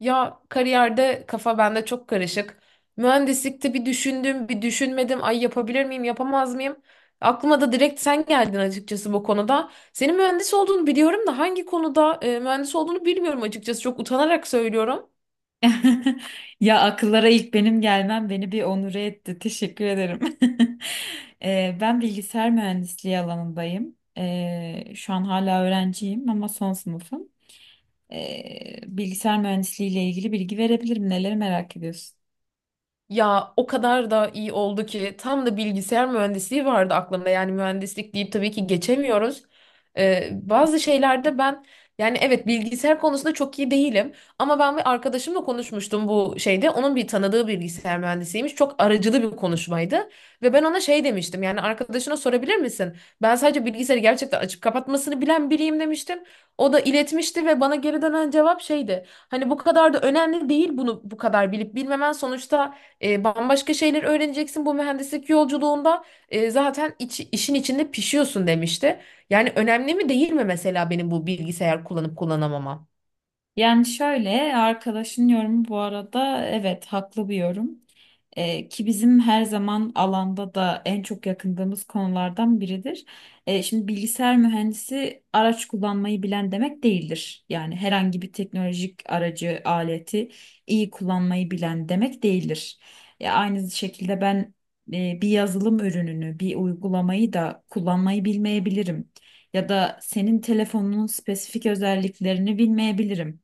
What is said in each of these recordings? Ya kariyerde kafa bende çok karışık. Mühendislikte bir düşündüm, bir düşünmedim. Ay yapabilir miyim, yapamaz mıyım? Aklıma da direkt sen geldin açıkçası bu konuda. Senin mühendis olduğunu biliyorum da hangi konuda mühendis olduğunu bilmiyorum açıkçası. Çok utanarak söylüyorum. Ya akıllara ilk benim gelmem beni bir onure etti. Teşekkür ederim. Ben bilgisayar mühendisliği alanındayım. Şu an hala öğrenciyim ama son sınıfım. Bilgisayar mühendisliği ile ilgili bilgi verebilirim. Neleri merak ediyorsun? Ya o kadar da iyi oldu ki tam da bilgisayar mühendisliği vardı aklımda. Yani mühendislik deyip tabii ki geçemiyoruz. Bazı şeylerde ben yani evet bilgisayar konusunda çok iyi değilim. Ama ben bir arkadaşımla konuşmuştum bu şeyde. Onun bir tanıdığı bilgisayar mühendisiymiş. Çok aracılı bir konuşmaydı. Ve ben ona şey demiştim. Yani arkadaşına sorabilir misin? Ben sadece bilgisayarı gerçekten açıp kapatmasını bilen biriyim demiştim. O da iletmişti ve bana geri dönen cevap şeydi. Hani bu kadar da önemli değil bunu bu kadar bilip bilmemen sonuçta bambaşka şeyler öğreneceksin bu mühendislik yolculuğunda. Zaten işin içinde pişiyorsun demişti. Yani önemli mi değil mi mesela benim bu bilgisayar kullanıp kullanamamam? Yani şöyle, arkadaşın yorumu bu arada evet, haklı bir yorum. Ki bizim her zaman alanda da en çok yakındığımız konulardan biridir. Şimdi bilgisayar mühendisi araç kullanmayı bilen demek değildir. Yani herhangi bir teknolojik aracı, aleti iyi kullanmayı bilen demek değildir. Ya aynı şekilde ben bir yazılım ürününü, bir uygulamayı da kullanmayı bilmeyebilirim. Ya da senin telefonunun spesifik özelliklerini bilmeyebilirim.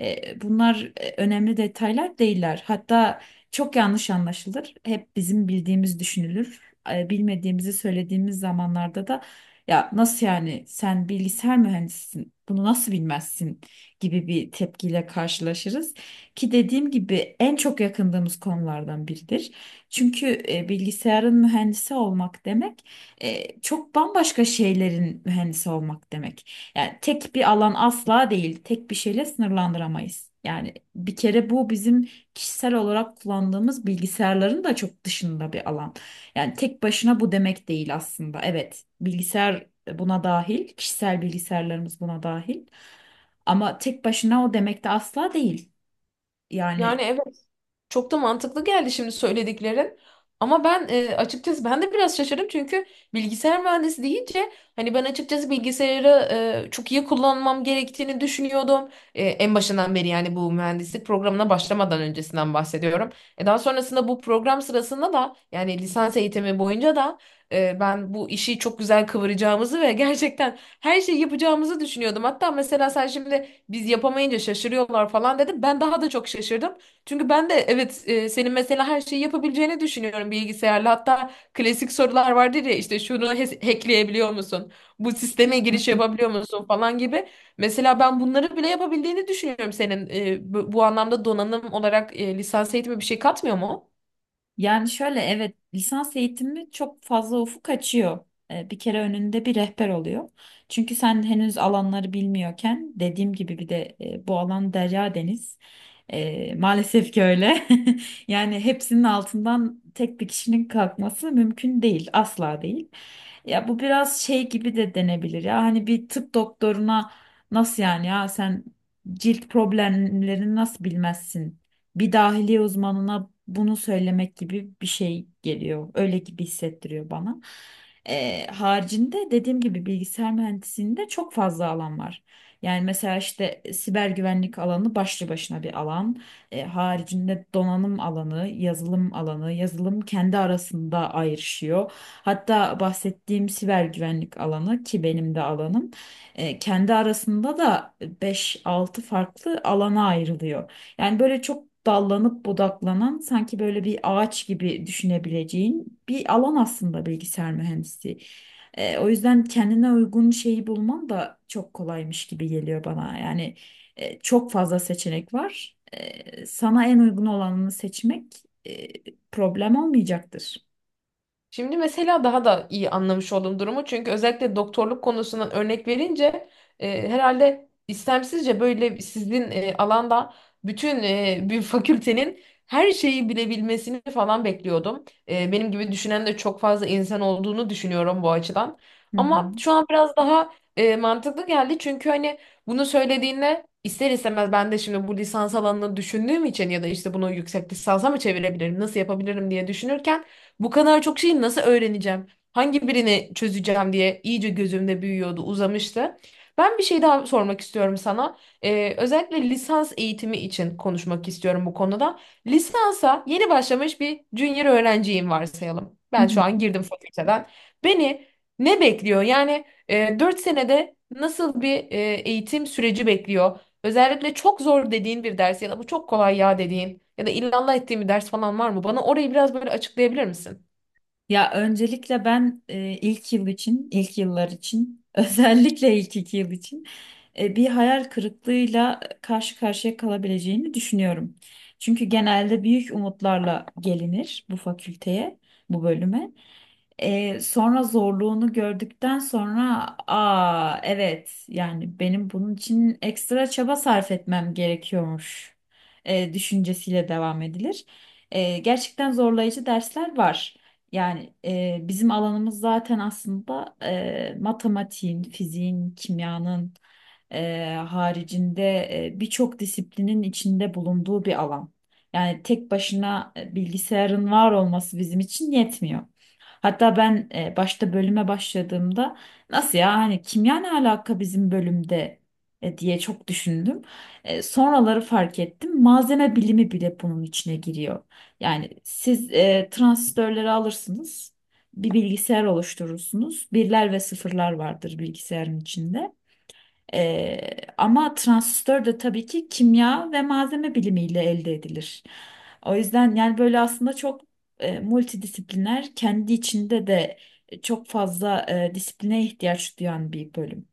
Bunlar önemli detaylar değiller. Hatta çok yanlış anlaşılır. Hep bizim bildiğimiz düşünülür. Bilmediğimizi söylediğimiz zamanlarda da ya nasıl yani, sen bilgisayar mühendisisin, bunu nasıl bilmezsin gibi bir tepkiyle karşılaşırız. Ki dediğim gibi en çok yakındığımız konulardan biridir. Çünkü bilgisayarın mühendisi olmak demek çok bambaşka şeylerin mühendisi olmak demek. Yani tek bir alan asla değil. Tek bir şeyle sınırlandıramayız. Yani bir kere bu, bizim kişisel olarak kullandığımız bilgisayarların da çok dışında bir alan. Yani tek başına bu demek değil aslında. Evet, bilgisayar buna dahil, kişisel bilgisayarlarımız buna dahil. Ama tek başına o demek de asla değil. Yani Yani evet, çok da mantıklı geldi şimdi söylediklerin. Ama ben açıkçası ben de biraz şaşırdım çünkü bilgisayar mühendisi deyince hani ben açıkçası bilgisayarı çok iyi kullanmam gerektiğini düşünüyordum. En başından beri yani bu mühendislik programına başlamadan öncesinden bahsediyorum. Daha sonrasında bu program sırasında da yani lisans eğitimi boyunca da ben bu işi çok güzel kıvıracağımızı ve gerçekten her şeyi yapacağımızı düşünüyordum. Hatta mesela sen şimdi biz yapamayınca şaşırıyorlar falan dedim. Ben daha da çok şaşırdım. Çünkü ben de evet, senin mesela her şeyi yapabileceğini düşünüyorum bilgisayarla. Hatta klasik sorular vardır ya, işte şunu hackleyebiliyor musun? Bu sisteme giriş yapabiliyor musun falan gibi. Mesela ben bunları bile yapabildiğini düşünüyorum senin. E, bu anlamda donanım olarak lisans eğitimi bir şey katmıyor mu? yani şöyle, evet, lisans eğitimi çok fazla ufuk açıyor. Bir kere önünde bir rehber oluyor. Çünkü sen henüz alanları bilmiyorken, dediğim gibi bir de bu alan derya deniz. Maalesef ki öyle. Yani hepsinin altından tek bir kişinin kalkması mümkün değil, asla değil. Ya bu biraz şey gibi de denebilir ya. Hani bir tıp doktoruna nasıl yani ya sen cilt problemlerini nasıl bilmezsin, bir dahiliye uzmanına bunu söylemek gibi bir şey geliyor. Öyle gibi hissettiriyor bana. Haricinde dediğim gibi bilgisayar mühendisliğinde çok fazla alan var. Yani mesela işte siber güvenlik alanı başlı başına bir alan. Haricinde donanım alanı, yazılım alanı, yazılım kendi arasında ayrışıyor. Hatta bahsettiğim siber güvenlik alanı, ki benim de alanım, kendi arasında da beş altı farklı alana ayrılıyor. Yani böyle çok dallanıp budaklanan, sanki böyle bir ağaç gibi düşünebileceğin bir alan aslında bilgisayar mühendisliği. O yüzden kendine uygun şeyi bulman da çok kolaymış gibi geliyor bana. Yani çok fazla seçenek var. Sana en uygun olanını seçmek e, problem olmayacaktır. Şimdi mesela daha da iyi anlamış oldum durumu. Çünkü özellikle doktorluk konusundan örnek verince herhalde istemsizce böyle sizin alanda bütün bir fakültenin her şeyi bilebilmesini falan bekliyordum. E, benim gibi düşünen de çok fazla insan olduğunu düşünüyorum bu açıdan. Hı Ama hı. şu an biraz daha mantıklı geldi. Çünkü hani bunu söylediğinde ister istemez ben de şimdi bu lisans alanını düşündüğüm için ya da işte bunu yüksek lisansa mı çevirebilirim, nasıl yapabilirim diye düşünürken bu kadar çok şeyi nasıl öğreneceğim? Hangi birini çözeceğim diye iyice gözümde büyüyordu, uzamıştı. Ben bir şey daha sormak istiyorum sana. Özellikle lisans eğitimi için konuşmak istiyorum bu konuda. Lisansa yeni başlamış bir junior öğrenciyim varsayalım. Hı Ben şu an hı. girdim fakülteden. Beni ne bekliyor? Yani 4 senede nasıl bir eğitim süreci bekliyor? Özellikle çok zor dediğin bir ders ya da bu çok kolay ya dediğin ya da illallah ettiğin bir ders falan var mı? Bana orayı biraz böyle açıklayabilir misin? Ya öncelikle ben ilk yıl için, ilk yıllar için, özellikle ilk iki yıl için bir hayal kırıklığıyla karşı karşıya kalabileceğini düşünüyorum. Çünkü genelde büyük umutlarla gelinir bu fakülteye, bu bölüme. Sonra zorluğunu gördükten sonra, aa evet, yani benim bunun için ekstra çaba sarf etmem gerekiyormuş düşüncesiyle devam edilir. Gerçekten zorlayıcı dersler var. Yani bizim alanımız zaten aslında matematiğin, fiziğin, kimyanın haricinde birçok disiplinin içinde bulunduğu bir alan. Yani tek başına bilgisayarın var olması bizim için yetmiyor. Hatta ben başta bölüme başladığımda, nasıl ya, hani kimya ne alaka bizim bölümde, diye çok düşündüm. Sonraları fark ettim. Malzeme bilimi bile bunun içine giriyor. Yani siz transistörleri alırsınız. Bir bilgisayar oluşturursunuz. Birler ve sıfırlar vardır bilgisayarın içinde. Ee, Ama transistör de tabii ki kimya ve malzeme bilimiyle elde edilir. O yüzden, yani böyle aslında çok multidisipliner, kendi içinde de çok fazla disipline ihtiyaç duyan bir bölüm.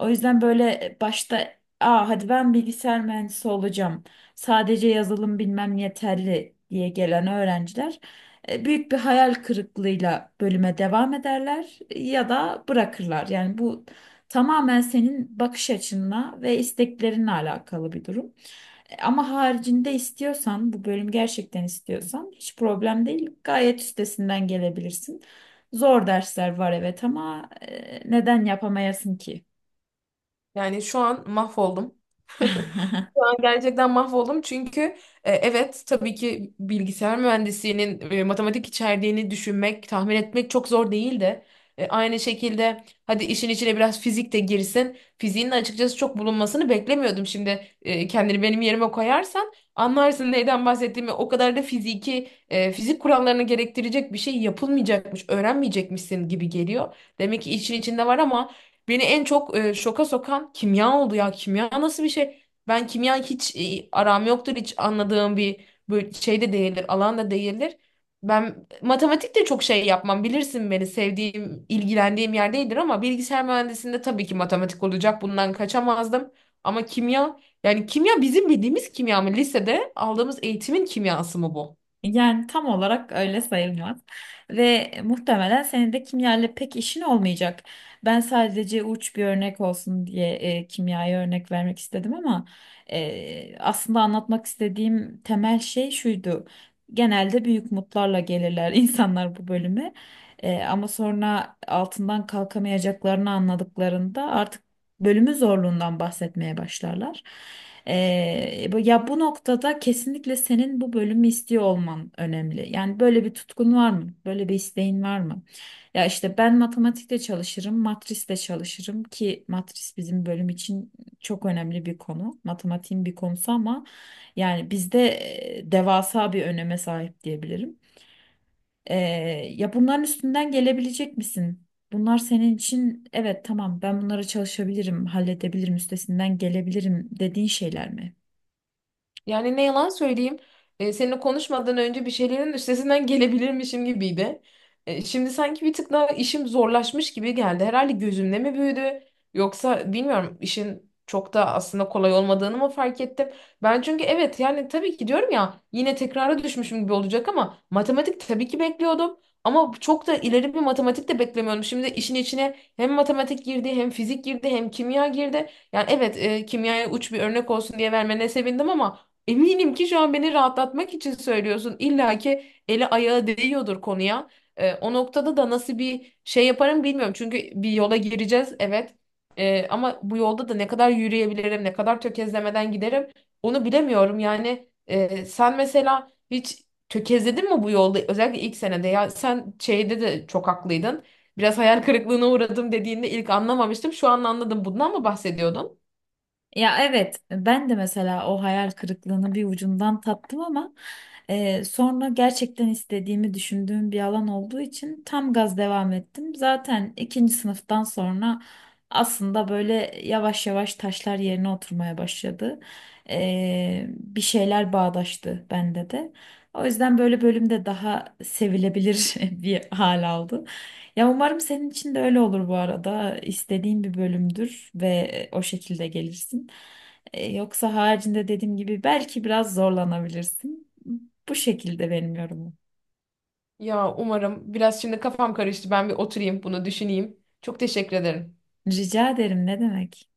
O yüzden böyle başta, aa, hadi ben bilgisayar mühendisi olacağım, sadece yazılım bilmem yeterli diye gelen öğrenciler büyük bir hayal kırıklığıyla bölüme devam ederler ya da bırakırlar. Yani bu tamamen senin bakış açınla ve isteklerinle alakalı bir durum. E, ama haricinde istiyorsan, bu bölüm gerçekten istiyorsan, hiç problem değil. Gayet üstesinden gelebilirsin. Zor dersler var evet, ama neden yapamayasın ki? Yani şu an mahvoldum. Şu an gerçekten mahvoldum çünkü evet tabii ki bilgisayar mühendisliğinin matematik içerdiğini düşünmek, tahmin etmek çok zor değil de aynı şekilde hadi işin içine biraz fizik de girsin. Fiziğin de açıkçası çok bulunmasını beklemiyordum. Şimdi kendini benim yerime koyarsan anlarsın neyden bahsettiğimi. O kadar da fiziki fizik kurallarını gerektirecek bir şey yapılmayacakmış, öğrenmeyecekmişsin gibi geliyor. Demek ki işin içinde var ama beni en çok şoka sokan kimya oldu ya. Kimya nasıl bir şey? Ben kimya hiç, aram yoktur. Hiç anladığım bir böyle şey de değildir. Alan da değildir. Ben matematik de çok şey yapmam. Bilirsin beni, sevdiğim, ilgilendiğim yer değildir ama bilgisayar mühendisliğinde tabii ki matematik olacak. Bundan kaçamazdım. Ama kimya, yani kimya bizim bildiğimiz kimya mı? Lisede aldığımız eğitimin kimyası mı bu? Yani tam olarak öyle sayılmaz. Ve muhtemelen senin de kimyayla pek işin olmayacak. Ben sadece uç bir örnek olsun diye kimyaya örnek vermek istedim, ama aslında anlatmak istediğim temel şey şuydu. Genelde büyük umutlarla gelirler insanlar bu bölüme. E, ama sonra altından kalkamayacaklarını anladıklarında artık bölümü zorluğundan bahsetmeye başlarlar. Ya bu noktada kesinlikle senin bu bölümü istiyor olman önemli. Yani böyle bir tutkun var mı? Böyle bir isteğin var mı? Ya işte ben matematikte çalışırım, matrisle çalışırım, ki matris bizim bölüm için çok önemli bir konu. Matematiğin bir konusu ama yani bizde devasa bir öneme sahip diyebilirim. Ee, Ya bunların üstünden gelebilecek misin? Bunlar senin için, evet tamam ben bunlara çalışabilirim, halledebilirim, üstesinden gelebilirim dediğin şeyler mi? Yani ne yalan söyleyeyim. Seninle konuşmadan önce bir şeylerin üstesinden gelebilirmişim gibiydi. Şimdi sanki bir tık daha işim zorlaşmış gibi geldi. Herhalde gözümde mi büyüdü? Yoksa bilmiyorum, işin çok da aslında kolay olmadığını mı fark ettim? Ben çünkü evet, yani tabii ki diyorum ya, yine tekrara düşmüşüm gibi olacak ama matematik tabii ki bekliyordum. Ama çok da ileri bir matematik de beklemiyordum. Şimdi işin içine hem matematik girdi, hem fizik girdi, hem kimya girdi. Yani evet, kimyaya uç bir örnek olsun diye vermene sevindim ama eminim ki şu an beni rahatlatmak için söylüyorsun. İlla ki eli ayağı değiyordur konuya. O noktada da nasıl bir şey yaparım bilmiyorum. Çünkü bir yola gireceğiz evet. Ama bu yolda da ne kadar yürüyebilirim, ne kadar tökezlemeden giderim onu bilemiyorum. Yani sen mesela hiç tökezledin mi bu yolda? Özellikle ilk senede ya, sen şeyde de çok haklıydın. Biraz hayal kırıklığına uğradım dediğinde ilk anlamamıştım. Şu an anladım. Bundan mı bahsediyordun? Ya evet, ben de mesela o hayal kırıklığını bir ucundan tattım, ama sonra gerçekten istediğimi düşündüğüm bir alan olduğu için tam gaz devam ettim. Zaten ikinci sınıftan sonra aslında böyle yavaş yavaş taşlar yerine oturmaya başladı. Bir şeyler bağdaştı bende de. O yüzden böyle bölümde daha sevilebilir bir hal aldı. Ya umarım senin için de öyle olur bu arada. İstediğin bir bölümdür ve o şekilde gelirsin. Yoksa haricinde dediğim gibi belki biraz zorlanabilirsin. Bu şekilde benim yorumum. Ya umarım. Biraz şimdi kafam karıştı. Ben bir oturayım bunu düşüneyim. Çok teşekkür ederim. Rica ederim, ne demek?